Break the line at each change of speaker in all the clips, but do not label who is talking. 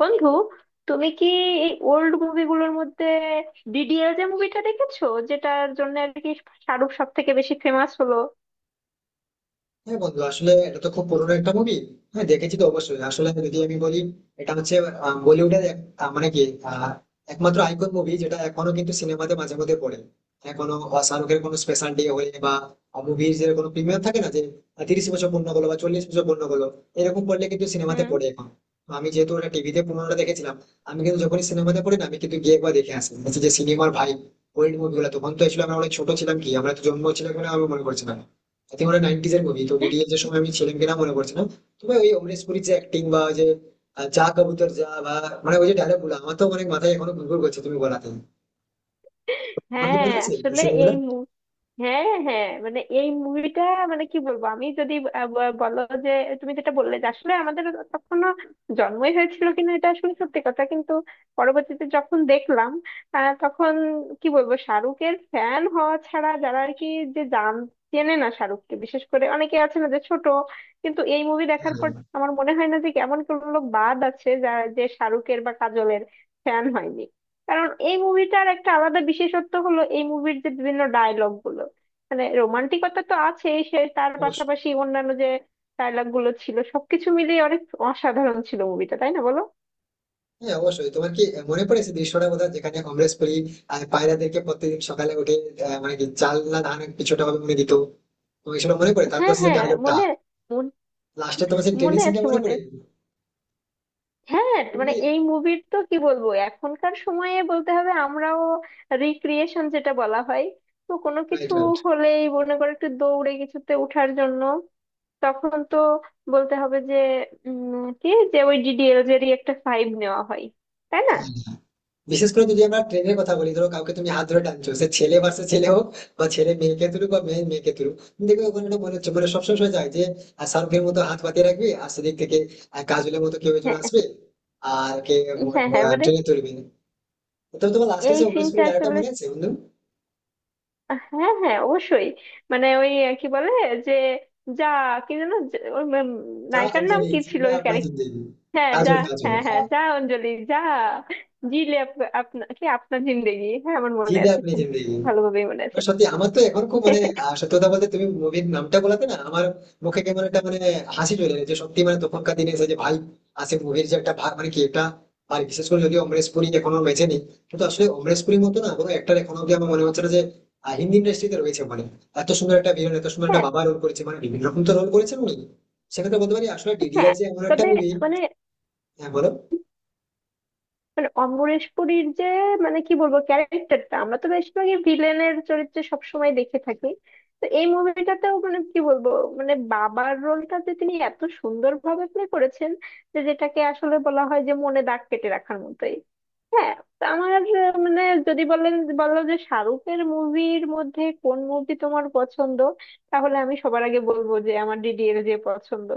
বন্ধু, তুমি কি এই ওল্ড মুভিগুলোর মধ্যে ডিডিএল যে মুভিটা দেখেছো, যেটার জন্য আর কি শাহরুখ সব থেকে বেশি ফেমাস হলো?
হ্যাঁ বন্ধু, আসলে এটা তো খুব পুরোনো একটা মুভি। হ্যাঁ, দেখেছি তো অবশ্যই। আসলে যদি আমি বলি, এটা হচ্ছে বলিউডের মানে কি, আহ, একমাত্র আইকন মুভি যেটা এখনো কিন্তু সিনেমাতে মাঝে মধ্যে পড়ে। হ্যাঁ, কোনো শাহরুখের কোনো স্পেশাল ডে হলে বা মুভির যে কোনো প্রিমিয়ার থাকে না, যে 30 বছর পূর্ণ হলো বা 40 বছর পূর্ণ হলো, এরকম করলে কিন্তু সিনেমাতে
হুম।
পড়ে এখন। তো আমি যেহেতু ওটা টিভিতে পুরোনোটা দেখেছিলাম, আমি কিন্তু যখনই সিনেমাতে পড়ি না আমি কিন্তু গিয়ে একবার দেখে আসি, বলছি যে সিনেমার ভাই। ওল্ড মুভিগুলো তখন তো এসেছিল, আমরা অনেক ছোট ছিলাম, কি আমরা তো জন্ম ছিলাম কিনা আমি মনে করছিলাম। আই থিঙ্ক ওটা 90-এর এর মুভি, তো ডিডিএস এর সময় আমি ছিলাম কিনা মনে পড়ছে না। তবে ওই অমরেশ পুরীর যে অ্যাক্টিং বা ওই যে যা কবুতর যা, বা মানে ওই যে ডায়লগ গুলো আমার তো অনেক মাথায় এখনো ঘুরঘুর করছে তুমি বলাতে। তোমার কি
হ্যাঁ,
মনে আছে
আসলে
দৃশ্য গুলা?
এই... হ্যাঁ হ্যাঁ, মানে এই মুভিটা মানে কি বলবো আমি যদি, বলো যে তুমি যেটা বললে যে আসলে আমাদের তখনো জন্মই হয়েছিল কিনা, এটা আসলে সত্যি কথা। কিন্তু পরবর্তীতে যখন দেখলাম, তখন কি বলবো, শাহরুখের ফ্যান হওয়া ছাড়া যারা আর কি, যে জান চেনে না শাহরুখকে, বিশেষ করে অনেকে আছে না যে ছোট, কিন্তু এই মুভি দেখার পর
হ্যাঁ,
আমার মনে হয় না যে এমন কোনো লোক বাদ আছে যারা যে শাহরুখের বা কাজলের ফ্যান হয়নি। কারণ এই মুভিটার একটা আলাদা বিশেষত্ব হলো এই মুভির যে বিভিন্ন ডায়লগ, মানে রোমান্টিকতা তো আছে সে, তার
অবশ্যই।
পাশাপাশি অন্যান্য যে ডায়লগ গুলো ছিল, সবকিছু মিলিয়ে অনেক অসাধারণ ছিল মুভিটা, তাই না বলো?
হ্যাঁ অবশ্যই, তোমার কি মনে পড়ে সেই দৃশ্যটা কোথাও যেখানে অমরেশ পুরী পায়রাদেরকে প্রত্যেকদিন সকালে উঠে মানে কি, চাল না ধান কিছুটা ভাবে মনে দিত। তো সেটা মনে পড়ে, তারপর
হ্যাঁ
সে
হ্যাঁ,
ডায়লগটা?
মনে মন-
লাস্টে তোমার সেই ট্রেনিং
মনে
সিনটা
আছে,
মনে
মনে
পড়ে?
আছে। হ্যাঁ, মানে
তুমি কি,
এই মুভির তো কি বলবো, এখনকার সময়ে বলতে হবে আমরাও রিক্রিয়েশন যেটা বলা হয়, তো কোনো
রাইট
কিছু
রাইট।
হলেই মনে করো একটু দৌড়ে কিছুতে ওঠার জন্য তখন তো বলতে হবে যে, উম, কি, যে ওই ডিডিএলজেরই একটা ফাইভ নেওয়া হয়, তাই না?
হ্যাঁ, বিশেষ করে যদি আমরা ট্রেনের কথা বলি, ধরো কাউকে তুমি হাত ধরে টানছো, সে ছেলে ভার্সেস ছেলে হোক বা ছেলে মেয়েকে তুলুক বা মেয়ে মেয়েকে তুলুক, তুমি দেখবে ওখানে একটা মনে হচ্ছে, মানে সবসময় শোনা যায় যে শাহরুখের মতো হাত পাতিয়ে রাখবে, আর সেদিক থেকে কাজলের মতো কেউ একজন
হ্যাঁ
আসবে আর কে
হ্যাঁ হ্যাঁ, মানে
ট্রেনে তুলবে। তো তোমার লাস্টে
এই
সে উনিশ কুড়ি
সিনটা
ডায়লগটা
আসলে...
মনে আছে বন্ধু?
হ্যাঁ হ্যাঁ, অবশ্যই। মানে ওই, কি বলে, যে যা, কি যেন, ওই
যা
নায়িকার নাম
অঞ্জলি
কি ছিল
জিলে
ওই
আপনার
ক্যারেক্টার?
জিন্দেগি।
হ্যাঁ, যা।
কাজল, কাজল,
হ্যাঁ হ্যাঁ, যা অঞ্জলি যা, জিলে আপনার কি আপনার জিন্দেগি। হ্যাঁ, আমার মনে
জিলে
আছে,
আপনি
খুব
জিন্দেগি।
ভালোভাবেই মনে
না,
আছে।
সত্যি আমার তো এখন খুব মানে, সত্যি কথা বলতে, তুমি মুভির নামটা বলাতে না আমার মুখে কেমন একটা মানে হাসি চলে এলো, যে সত্যি মানে তখনকার দিনে এসে যে ভাই আসে মুভির যে একটা মানে কি একটা। আর বিশেষ করে যদি অমরেশ পুরী এখনো বেঁচে নেই, কিন্তু আসলে অমরেশ পুরীর মতো না কোনো একটা এখনো অব্দি আমার মনে হচ্ছে না যে হিন্দি ইন্ডাস্ট্রিতে রয়েছে। মানে এত সুন্দর একটা ভিলেন, এত সুন্দর একটা
হ্যাঁ
বাবা রোল করেছে, মানে বিভিন্ন রকম তো রোল করেছেন উনি। সেক্ষেত্রে বলতে পারি, আসলে ডিডিআর
হ্যাঁ,
যে এমন একটা
তবে
মুভি।
মানে
হ্যাঁ বলো।
মানে অম্বরেশ পুরীর যে, মানে কি বলবো, ক্যারেক্টারটা আমরা তো বেশিরভাগই ভিলেনের চরিত্রে সবসময় দেখে থাকি। তো এই মুভিটাতেও, মানে কি বলবো, মানে বাবার রোলটা যে তিনি এত সুন্দরভাবে প্লে করেছেন, যে যেটাকে আসলে বলা হয়, যে মনে দাগ কেটে রাখার মতোই। হ্যাঁ, তো আমার মানে যদি বলেন, বলো যে শাহরুখের মুভির মধ্যে কোন মুভি তোমার পছন্দ, তাহলে আমি সবার আগে বলবো যে আমার ডিডি এর যে পছন্দ।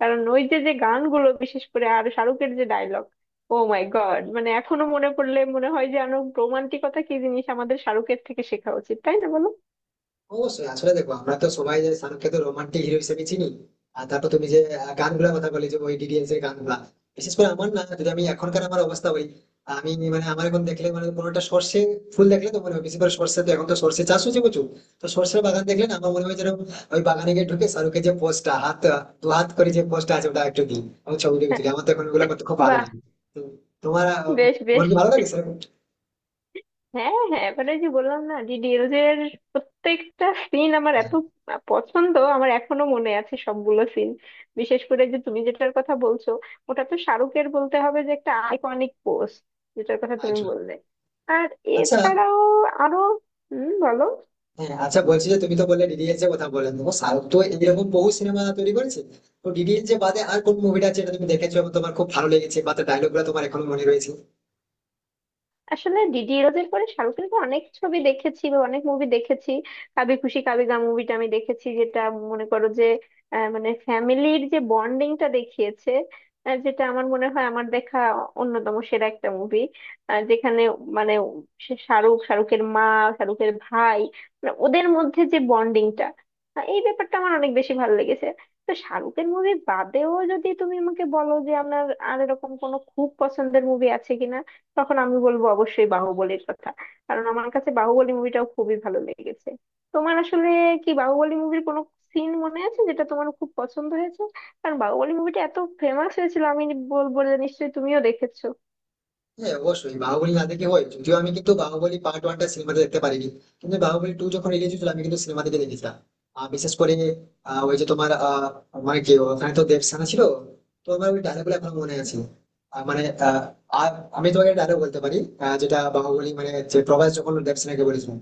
কারণ ওই যে যে গানগুলো, বিশেষ করে, আর শাহরুখের যে ডায়লগ, ও মাই গড, মানে এখনো মনে পড়লে মনে হয় যে আরো রোমান্টিকতা কি জিনিস আমাদের শাহরুখের থেকে শেখা উচিত, তাই না বলো?
অবশ্যই, আসলে দেখো, আমরা তো সবাই যে শাহরুখকে তো রোমান্টিক হিরো হিসেবে চিনি। আর তারপর তুমি যে গানগুলোর কথা বলে, যে ওই ডিডিএস এর গানগুলা, বিশেষ করে আমার না, যদি আমি এখনকার আমার অবস্থা বলি, আমি মানে আমার এখন দেখলে মানে কোনো একটা সর্ষে ফুল দেখলে তো মনে হয়, বিশেষ করে সর্ষে তো এখন তো সর্ষে চাষ হচ্ছে প্রচুর। তো সর্ষের বাগান দেখলে না আমার মনে হয় যেন ওই বাগানে গিয়ে ঢুকে শাহরুখের যে পোস্টটা, হাত দু হাত করে যে পোস্টটা আছে, ওটা একটু দিই এবং ছবি টবি
হ্যাঁ,
তুলি, আমার তো এখন ওগুলো করতে খুব ভালো
বাহ,
লাগে। তো তোমার আহ,
বেশ
তোমার
বেশ।
কি ভালো লাগে সেরকম?
হ্যাঁ হ্যাঁ, এবারে যে বললাম না ডিডিএলজ এর প্রত্যেকটা সিন আমার এত পছন্দ, আমার এখনো মনে আছে সবগুলো সিন। বিশেষ করে যে তুমি যেটার কথা বলছো, ওটা তো শাহরুখের বলতে হবে যে একটা আইকনিক পোস্ট, যেটার কথা তুমি বললে। আর
আচ্ছা।
এছাড়াও আরো... হুম, বলো।
হ্যাঁ, আচ্ছা, বলছি যে তুমি তো বললে ডিডিএলজে এর কথা বললে, দেখো, সাউথ তো এরকম বহু সিনেমা তৈরি করেছে। তো ডিডিএলজে বাদে আর কোন মুভিটা আছে যেটা তুমি দেখেছো এবং তোমার খুব ভালো লেগেছে বা তার ডায়লগ গুলো তোমার এখনো মনে রয়েছে?
আসলে ডিডি ইরোজের পরে শাহরুখের তো অনেক ছবি দেখেছি বা অনেক মুভি দেখেছি। কাবি খুশি কাবি গাম মুভিটা আমি দেখেছি, যেটা মনে করো যে, মানে ফ্যামিলির যে বন্ডিংটা দেখিয়েছে, যেটা আমার মনে হয় আমার দেখা অন্যতম সেরা একটা মুভি। যেখানে মানে সে শাহরুখ, শাহরুখের মা, শাহরুখের ভাই, মানে ওদের মধ্যে যে বন্ডিংটা, এই ব্যাপারটা আমার অনেক বেশি ভালো লেগেছে। তো শাহরুখের মুভি বাদেও যদি তুমি আমাকে বলো যে আপনার আর এরকম কোনো খুব পছন্দের মুভি আছে কিনা, তখন আমি বলবো অবশ্যই বাহুবলীর কথা। কারণ আমার কাছে বাহুবলী মুভিটাও খুবই ভালো লেগেছে। তোমার আসলে কি বাহুবলী মুভির কোনো সিন মনে আছে যেটা তোমার খুব পছন্দ হয়েছে? কারণ বাহুবলী মুভিটা এত ফেমাস হয়েছিল, আমি বলবো যে নিশ্চয়ই তুমিও দেখেছো।
হ্যাঁ অবশ্যই, বাহুবলী না দেখে হয়? যদিও আমি কিন্তু বাহুবলী পার্ট ওয়ানটা সিনেমাতে দেখতে পারিনি, কিন্তু বাহুবলী টু যখন রিলিজ হয়েছিল আমি কিন্তু সিনেমা থেকে দেখেছিলাম। আর বিশেষ করে ওই যে তোমার, মানে কি, ওখানে তো দেবসেনা ছিল। তো আমার ওই ডায়লগ গুলো এখনো মনে আছে। আহ, মানে আহ, আর আমি তোমাকে ডায়লগ বলতে পারি, যেটা বাহুবলী মানে যে প্রভাস যখন দেবসেনাকে বলেছিলাম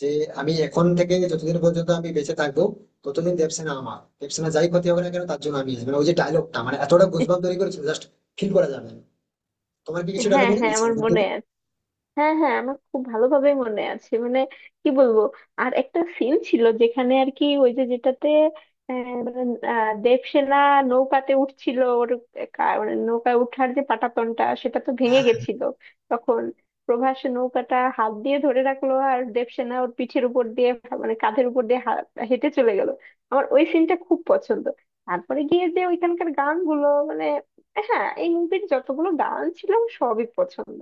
যে, আমি এখন থেকে যতদিন পর্যন্ত আমি বেঁচে থাকবো ততদিন দেবসেনা আমার, দেবসেনা যাই ক্ষতি হবে না কেন তার জন্য আমি আছি। মানে ওই যে ডায়লগটা মানে এতটা গুজবাম তৈরি করেছিল, জাস্ট ফিল করা যাবে না। তোমার কি কিছু ডায়লগ
হ্যাঁ
মনে
হ্যাঁ,
আছে?
আমার মনে আছে। হ্যাঁ হ্যাঁ, আমার খুব ভালোভাবে মনে আছে, মানে কি বলবো, আর একটা সিন ছিল যেখানে আর কি, ওই যে যেটাতে মানে, দেবসেনা নৌকাতে উঠছিল, ওর মানে নৌকায় উঠার যে পাটাতনটা সেটা তো ভেঙে
হ্যাঁ
গেছিল। তখন প্রভাস নৌকাটা হাত দিয়ে ধরে রাখলো, আর দেবসেনা ওর পিঠের উপর দিয়ে, মানে কাঁধের উপর দিয়ে হেঁটে চলে গেল। আমার ওই সিনটা খুব পছন্দ। তারপরে গিয়ে যে ওইখানকার গানগুলো, মানে হ্যাঁ, এই মুভির যতগুলো গান ছিল আমার সবই পছন্দ।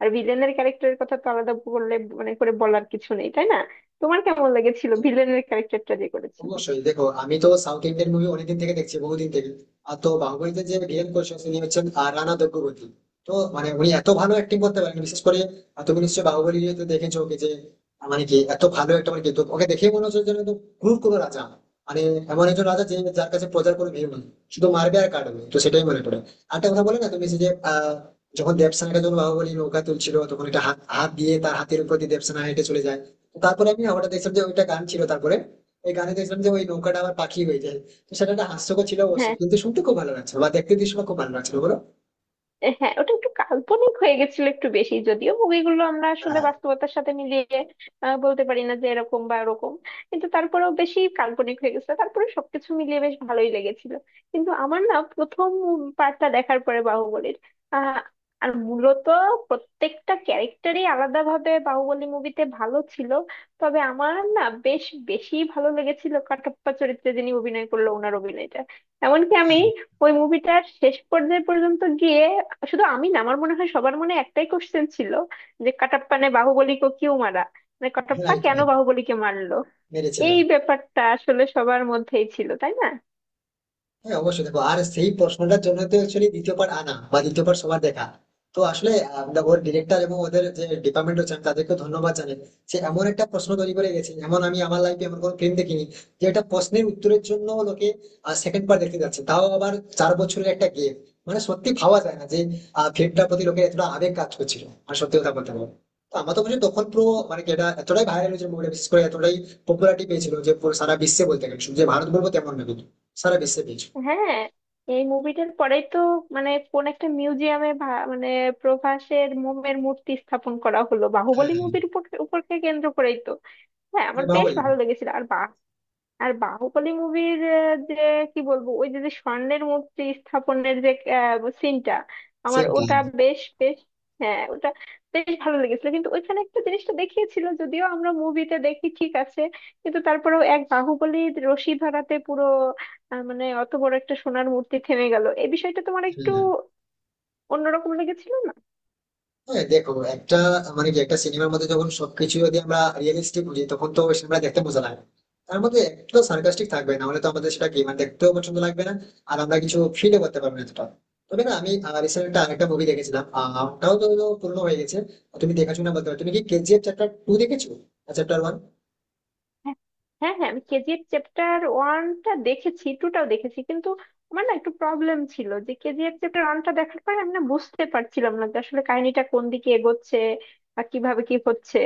আর ভিলেনের ক্যারেক্টারের কথা তো আলাদা বললে মানে করে বলার কিছু নেই, তাই না? তোমার কেমন লেগেছিল ভিলেনের ক্যারেক্টারটা যে করেছিল?
অবশ্যই, দেখো, আমি তো সাউথ ইন্ডিয়ান মুভি অনেকদিন থেকে দেখছি, বহুদিন থেকে। আর তো বাহুবলীতে যে ভিলেন করছে তিনি হচ্ছেন রানা দুর্গাবতী। তো মানে উনি এত ভালো অ্যাক্টিং করতে পারেন, বিশেষ করে তুমি নিশ্চয়ই বাহুবলী তো দেখেছো ওকে, যে মানে কি এত ভালো একটা, মানে কি তো ওকে দেখেই মনে হচ্ছে যেন একদম ক্রুর কোনো রাজা। মানে এমন একজন রাজা যে যার কাছে প্রজার কোনো ভিড় নেই, শুধু মারবে আর কাটবে। তো সেটাই মনে পড়ে। আর একটা কথা বলে না, তুমি সেই যে যখন দেবসেনাটা যখন বাহুবলী নৌকা তুলছিল, তখন একটা হাত হাত দিয়ে তার হাতের উপর দিয়ে দেবসেনা হেঁটে চলে যায়। তো তারপরে আমি হঠাৎ দেখছিলাম যে ওইটা গান ছিল, তারপরে এই গানে দেখলাম যে ওই নৌকাটা আবার পাখি হয়ে যায়। তো সেটা একটা হাস্যকর ছিল
হ্যাঁ
অবশ্যই, কিন্তু শুনতে খুব ভালো লাগছে বা দেখতে দৃশ্যটা খুব ভালো লাগছিল বলো।
হ্যাঁ, ওটা একটু কাল্পনিক হয়ে গেছিল একটু বেশি, যদিও মুভিগুলো আমরা আসলে
হ্যাঁ,
বাস্তবতার সাথে মিলিয়ে বলতে পারি না যে এরকম বা এরকম, কিন্তু তারপরেও বেশি কাল্পনিক হয়ে গেছিল, তারপরে সবকিছু মিলিয়ে বেশ ভালোই লেগেছিল। কিন্তু আমার না প্রথম পার্টটা দেখার পরে বাহুবলীর, আহ আর মূলত প্রত্যেকটা ক্যারেক্টারই আলাদাভাবে বাহুবলী মুভিতে ভালো ছিল। তবে আমার না বেশ বেশি ভালো লেগেছিল কাটাপ্পা চরিত্রে যিনি অভিনয় করলো, ওনার অভিনয়টা। এমনকি আমি ওই মুভিটার শেষ পর্যায়ে পর্যন্ত গিয়ে, শুধু আমি না, আমার মনে হয় সবার মনে একটাই কোশ্চেন ছিল, যে কাটাপ্পা নে বাহুবলীকে কিউ মারা, মানে কাটাপ্পা
রাইট
কেন
রাইট।
বাহুবলীকে মারলো।
মেরেছিল।
এই ব্যাপারটা আসলে সবার মধ্যেই ছিল, তাই না?
হ্যাঁ অবশ্যই, দেখো, আর সেই প্রশ্নটার জন্য তো অ্যাকচুয়ালি দ্বিতীয় part আনা বা দ্বিতীয় part সবার দেখা। তো আসলে দেখো, ওর ডিরেক্টর এবং ওদের যে ডিপার্টমেন্ট হচ্ছে, আমি তাদেরকে ধন্যবাদ জানাই। সে এমন একটা প্রশ্ন তৈরি করে গেছে, এমন আমি আমার লাইফে এমন কোনো ফিল্ম দেখিনি যে একটা প্রশ্নের উত্তরের জন্য লোকে সেকেন্ড পার্ট দেখতে যাচ্ছে, তাও আবার 4 বছরের একটা গেম। মানে সত্যি ভাবা যায় না যে ফিল্মটার প্রতি লোকের এতটা আবেগ কাজ করছিল। আর সত্যি কথা বলতে পারবো তো, আমার তো মনে হয় তখন পুরো মানে কি, এটা এতটাই ভাইরাল হয়েছিল মুভিটা, বিশেষ করে এতটাই পপুলারিটি পেয়েছিল যে পুরো সারা বিশ্বে বলতে গেলে, শুধু যে ভারত বলবো তেমন না, কিন্তু সারা বিশ্বে পেয়েছিল।
হ্যাঁ, এই মুভিটার পরেই তো মানে কোন একটা মিউজিয়ামে, মানে প্রভাসের মোমের মূর্তি স্থাপন করা হলো
হ্যাঁ,
বাহুবলী মুভির উপরকে কেন্দ্র করেই তো। হ্যাঁ, আমার বেশ
এভাবেই।
ভালো লেগেছিল। আর আর বাহুবলী মুভির যে কি বলবো, ওই যে যে স্বর্ণের মূর্তি স্থাপনের যে সিনটা, আমার
সেটাই।
ওটা বেশ বেশ। হ্যাঁ, ওটা বেশ ভালো লেগেছিল। কিন্তু ওইখানে একটা জিনিসটা দেখিয়েছিল, যদিও আমরা মুভিতে দেখি ঠিক আছে, কিন্তু তারপরেও এক বাহুবলীর রশি ধরাতে পুরো, মানে অত বড় একটা সোনার মূর্তি থেমে গেল, এই বিষয়টা তোমার
হ্যাঁ।
একটু
হ্যাঁ,
অন্যরকম লেগেছিল না?
হ্যাঁ, দেখো একটা, মানে কি, একটা সিনেমার মধ্যে যখন সবকিছু যদি আমরা রিয়েলিস্টিক বুঝি তখন তো সিনেমা দেখতে মজা লাগে। তার মধ্যে একটু সার্কাস্টিক থাকবে না হলে তো আমাদের সেটা কি মানে দেখতেও পছন্দ লাগবে না, আর আমরা কিছু ফিলও করতে পারবো না এতটা। তবে না আমি রিসেন্ট একটা আরেকটা মুভি দেখেছিলাম, ওটাও তো পুরনো হয়ে গেছে। তুমি দেখেছো না, বলতে পারো তুমি কি কেজিএফ চ্যাপ্টার টু দেখেছো, চ্যাপ্টার ওয়ান?
হ্যাঁ হ্যাঁ হ্যাঁ, আমি কেজিএফ চ্যাপ্টার ওয়ানটা দেখেছি, টুটাও দেখেছি, কিন্তু আমার না একটু প্রবলেম ছিল যে কেজিএফ চ্যাপ্টার ওয়ানটা দেখার পর আমি না বুঝতে পারছিলাম না যে আসলে কাহিনীটা কোন দিকে এগোচ্ছে বা কিভাবে কি হচ্ছে।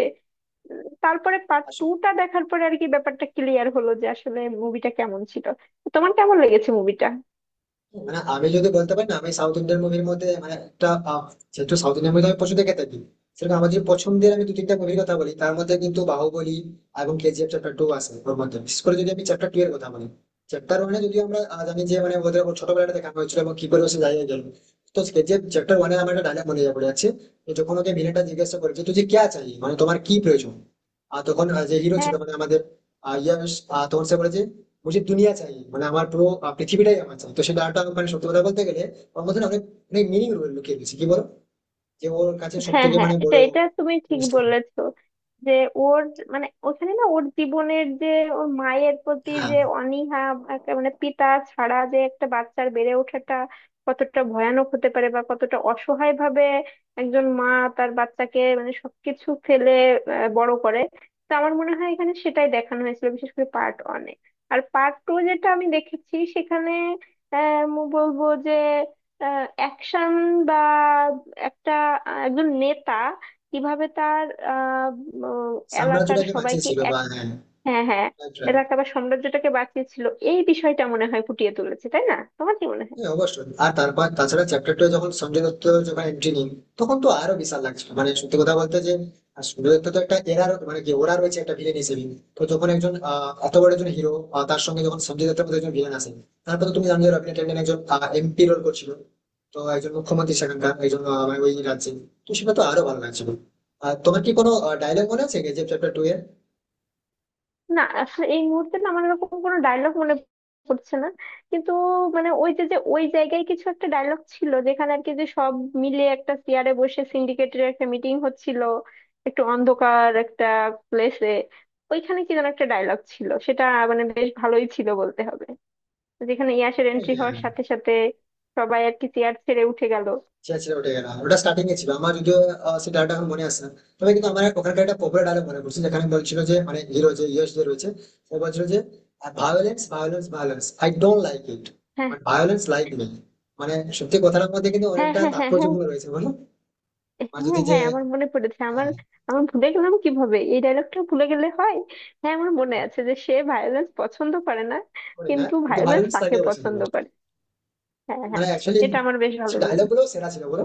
তারপরে পার্ট টুটা দেখার পরে আর কি ব্যাপারটা ক্লিয়ার হলো যে আসলে মুভিটা কেমন ছিল। তো তোমার কেমন লেগেছে মুভিটা?
মানে আমি যদি বলতে পারি না, আমি সাউথ ইন্ডিয়ান মুভির মধ্যে মানে একটা যেহেতু সাউথ ইন্ডিয়ান মুভি আমি পছন্দ দেখে থাকি, সেরকম আমার যদি পছন্দের আমি দু তিনটা মুভির কথা বলি, তার মধ্যে কিন্তু বাহুবলী এবং কেজিএফ চ্যাপ্টার টু আছে। ওর মধ্যে বিশেষ করে যদি আমি চ্যাপ্টার টু এর কথা বলি, চ্যাপ্টার ওয়ানে যদি আমরা জানি যে মানে ওদের ছোটবেলাটা দেখা হয়েছিল এবং কি করে সে জায়গায় গেল। তো কেজিএফ চ্যাপ্টার ওয়ানে আমার একটা ডায়লগ মনে পড়ে যাচ্ছে, যে যখন ওকে ভিলেনটা জিজ্ঞাসা করে যে তুই যে ক্যা চাই, মানে তোমার কি প্রয়োজন? আর তখন যে হিরো ছিল, মানে আমাদের ইয়াশ, তখন সে বলে যে মুঝে দুনিয়া চাই, মানে আমার পুরো পৃথিবীটাই আমার চাই। তো সেটা একটা মানে সত্যি কথা বলতে গেলে ওর মধ্যে না অনেক, অনেক মিনিং লুকিয়ে গেছে কি বলো? যে ওর কাছে সব
হ্যাঁ
থেকে
হ্যাঁ,
মানে
এটা
বড়
এটা তুমি ঠিক
জিনিসটা কি?
বলেছো, যে ওর, মানে ওখানে না ওর জীবনের যে ওর মায়ের প্রতি
হ্যাঁ,
যে অনীহা, একটা মানে পিতা ছাড়া যে একটা বাচ্চার বেড়ে ওঠাটা কতটা ভয়ানক হতে পারে বা কতটা অসহায় ভাবে একজন মা তার বাচ্চাকে মানে সবকিছু ফেলে বড় করে। তো আমার মনে হয় এখানে সেটাই দেখানো হয়েছিল, বিশেষ করে পার্ট ওয়ানে। আর পার্ট টু যেটা আমি দেখেছি সেখানে, বলবো যে অ্যাকশন, বা একটা, একজন নেতা কিভাবে তার, আহ, উম, এলাকার
সাম্রাজ্যটাকে
সবাইকে
বাঁচিয়েছিল
এক...
বা, হ্যাঁ,
হ্যাঁ হ্যাঁ,
right, right.
এলাকা বা সাম্রাজ্যটাকে বাঁচিয়েছিল, এই বিষয়টা মনে হয় ফুটিয়ে তুলেছে, তাই না? তোমার কি মনে হয়?
হ্যাঁ অবশ্যই, আর তারপর তাছাড়া চ্যাপ্টার টু যখন সঞ্জয় দত্ত যখন এন্ট্রি নিই, তখন তো আরো বিশাল লাগছিল মানে সত্যি কথা বলতে যে, আর সঞ্জয় দত্ত তো একটা এরা মানে কি ওরা রয়েছে একটা ভিলেন হিসেবে। তো যখন একজন এত বড় একজন হিরো, তার সঙ্গে যখন সঞ্জয় দত্তের মতো একজন ভিলেন আসে, তারপর তো তুমি জানো যে রবীন্দ্র ট্যান্ডন একজন এমপি রোল করছিল। তো একজন মুখ্যমন্ত্রী সেখানকার একজন মানে ওই রাজ্যে, তো সেটা তো আরো ভালো লাগছিল। আর তোমার কি কোনো ডায়লগ মনে আছে যে চ্যাপ্টার টু এর?
না, আসলে এই মুহূর্তে না আমার এরকম কোনো ডায়লগ মনে পড়ছে না। কিন্তু মানে ওই যে যে ওই জায়গায় কিছু একটা ডায়লগ ছিল যেখানে আর কি যে সব মিলে একটা চেয়ারে বসে সিন্ডিকেটের একটা মিটিং হচ্ছিল একটু অন্ধকার একটা প্লেসে, ওইখানে কি যেন একটা ডায়লগ ছিল সেটা, মানে বেশ ভালোই ছিল বলতে হবে, যেখানে ইয়াসের এন্ট্রি হওয়ার
হ্যাঁ,
সাথে সাথে সবাই আর কি চেয়ার ছেড়ে উঠে গেল।
সেটা ছিল ওটাই না, ওটা স্টার্টিং এ ছিল আমার যদিও সেই ডায়লগটা এখন মনে আসছে না। তবে কিন্তু আমার ওখানকার একটা পপুলার ডায়লগ মনে পড়ছে, যেখানে বলছিল যে মানে হিরো যে ইয়েস যে রয়েছে সে বলছিল যে violence, violence, violence, I don't like it,
হ্যাঁ
বাট ভায়োলেন্স লাইক মি। মানে সত্যি কথাটার মধ্যে কিন্তু
হ্যাঁ
অনেকটা
হ্যাঁ হ্যাঁ। হ্যাঁ
তাৎপর্যপূর্ণ রয়েছে বলো। মানে যদি
হ্যাঁ
যে,
হ্যাঁ, আমার মনে পড়েছে। আমার
হ্যাঁ,
আমার ভুলে গেলাম কিভাবে, এই ডায়লগটা ভুলে গেলে হয়? হ্যাঁ, আমার মনে আছে যে সে ভায়োলেন্স পছন্দ করে না,
করে না
কিন্তু
কিন্তু
ভায়োলেন্স
ভায়োলেন্স
তাকে
তাকেও পছন্দ
পছন্দ
করে।
করে। হ্যাঁ
মানে
হ্যাঁ,
অ্যাকচুয়ালি
এটা আমার বেশ
সে
ভালো।
ডায়লগ গুলো সেরা ছিল বলো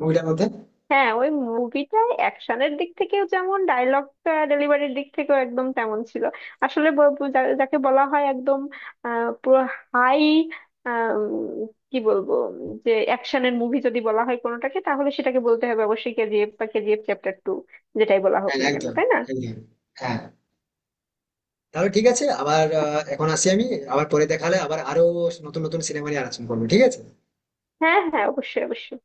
মুভিটার মধ্যে।
হ্যাঁ, ওই মুভিটায় অ্যাকশনের দিক থেকেও, যেমন ডায়লগ ডেলিভারির দিক থেকেও একদম তেমন ছিল। আসলে যাকে বলা হয় একদম, পুরো হাই, কি বলবো, যে অ্যাকশনের মুভি যদি বলা হয় কোনোটাকে তাহলে সেটাকে বলতে হবে অবশ্যই কেজিএফ বা কেজিএফ চ্যাপ্টার টু, যেটাই বলা হোক
হ্যাঁ
না কেন,
একদম,
তাই না?
একদম। হ্যাঁ তাহলে ঠিক আছে, আবার এখন আসি আমি, আবার পরে দেখালে আবার আরো নতুন নতুন সিনেমা নিয়ে আলোচনা করবো, ঠিক আছে।
হ্যাঁ হ্যাঁ, অবশ্যই অবশ্যই।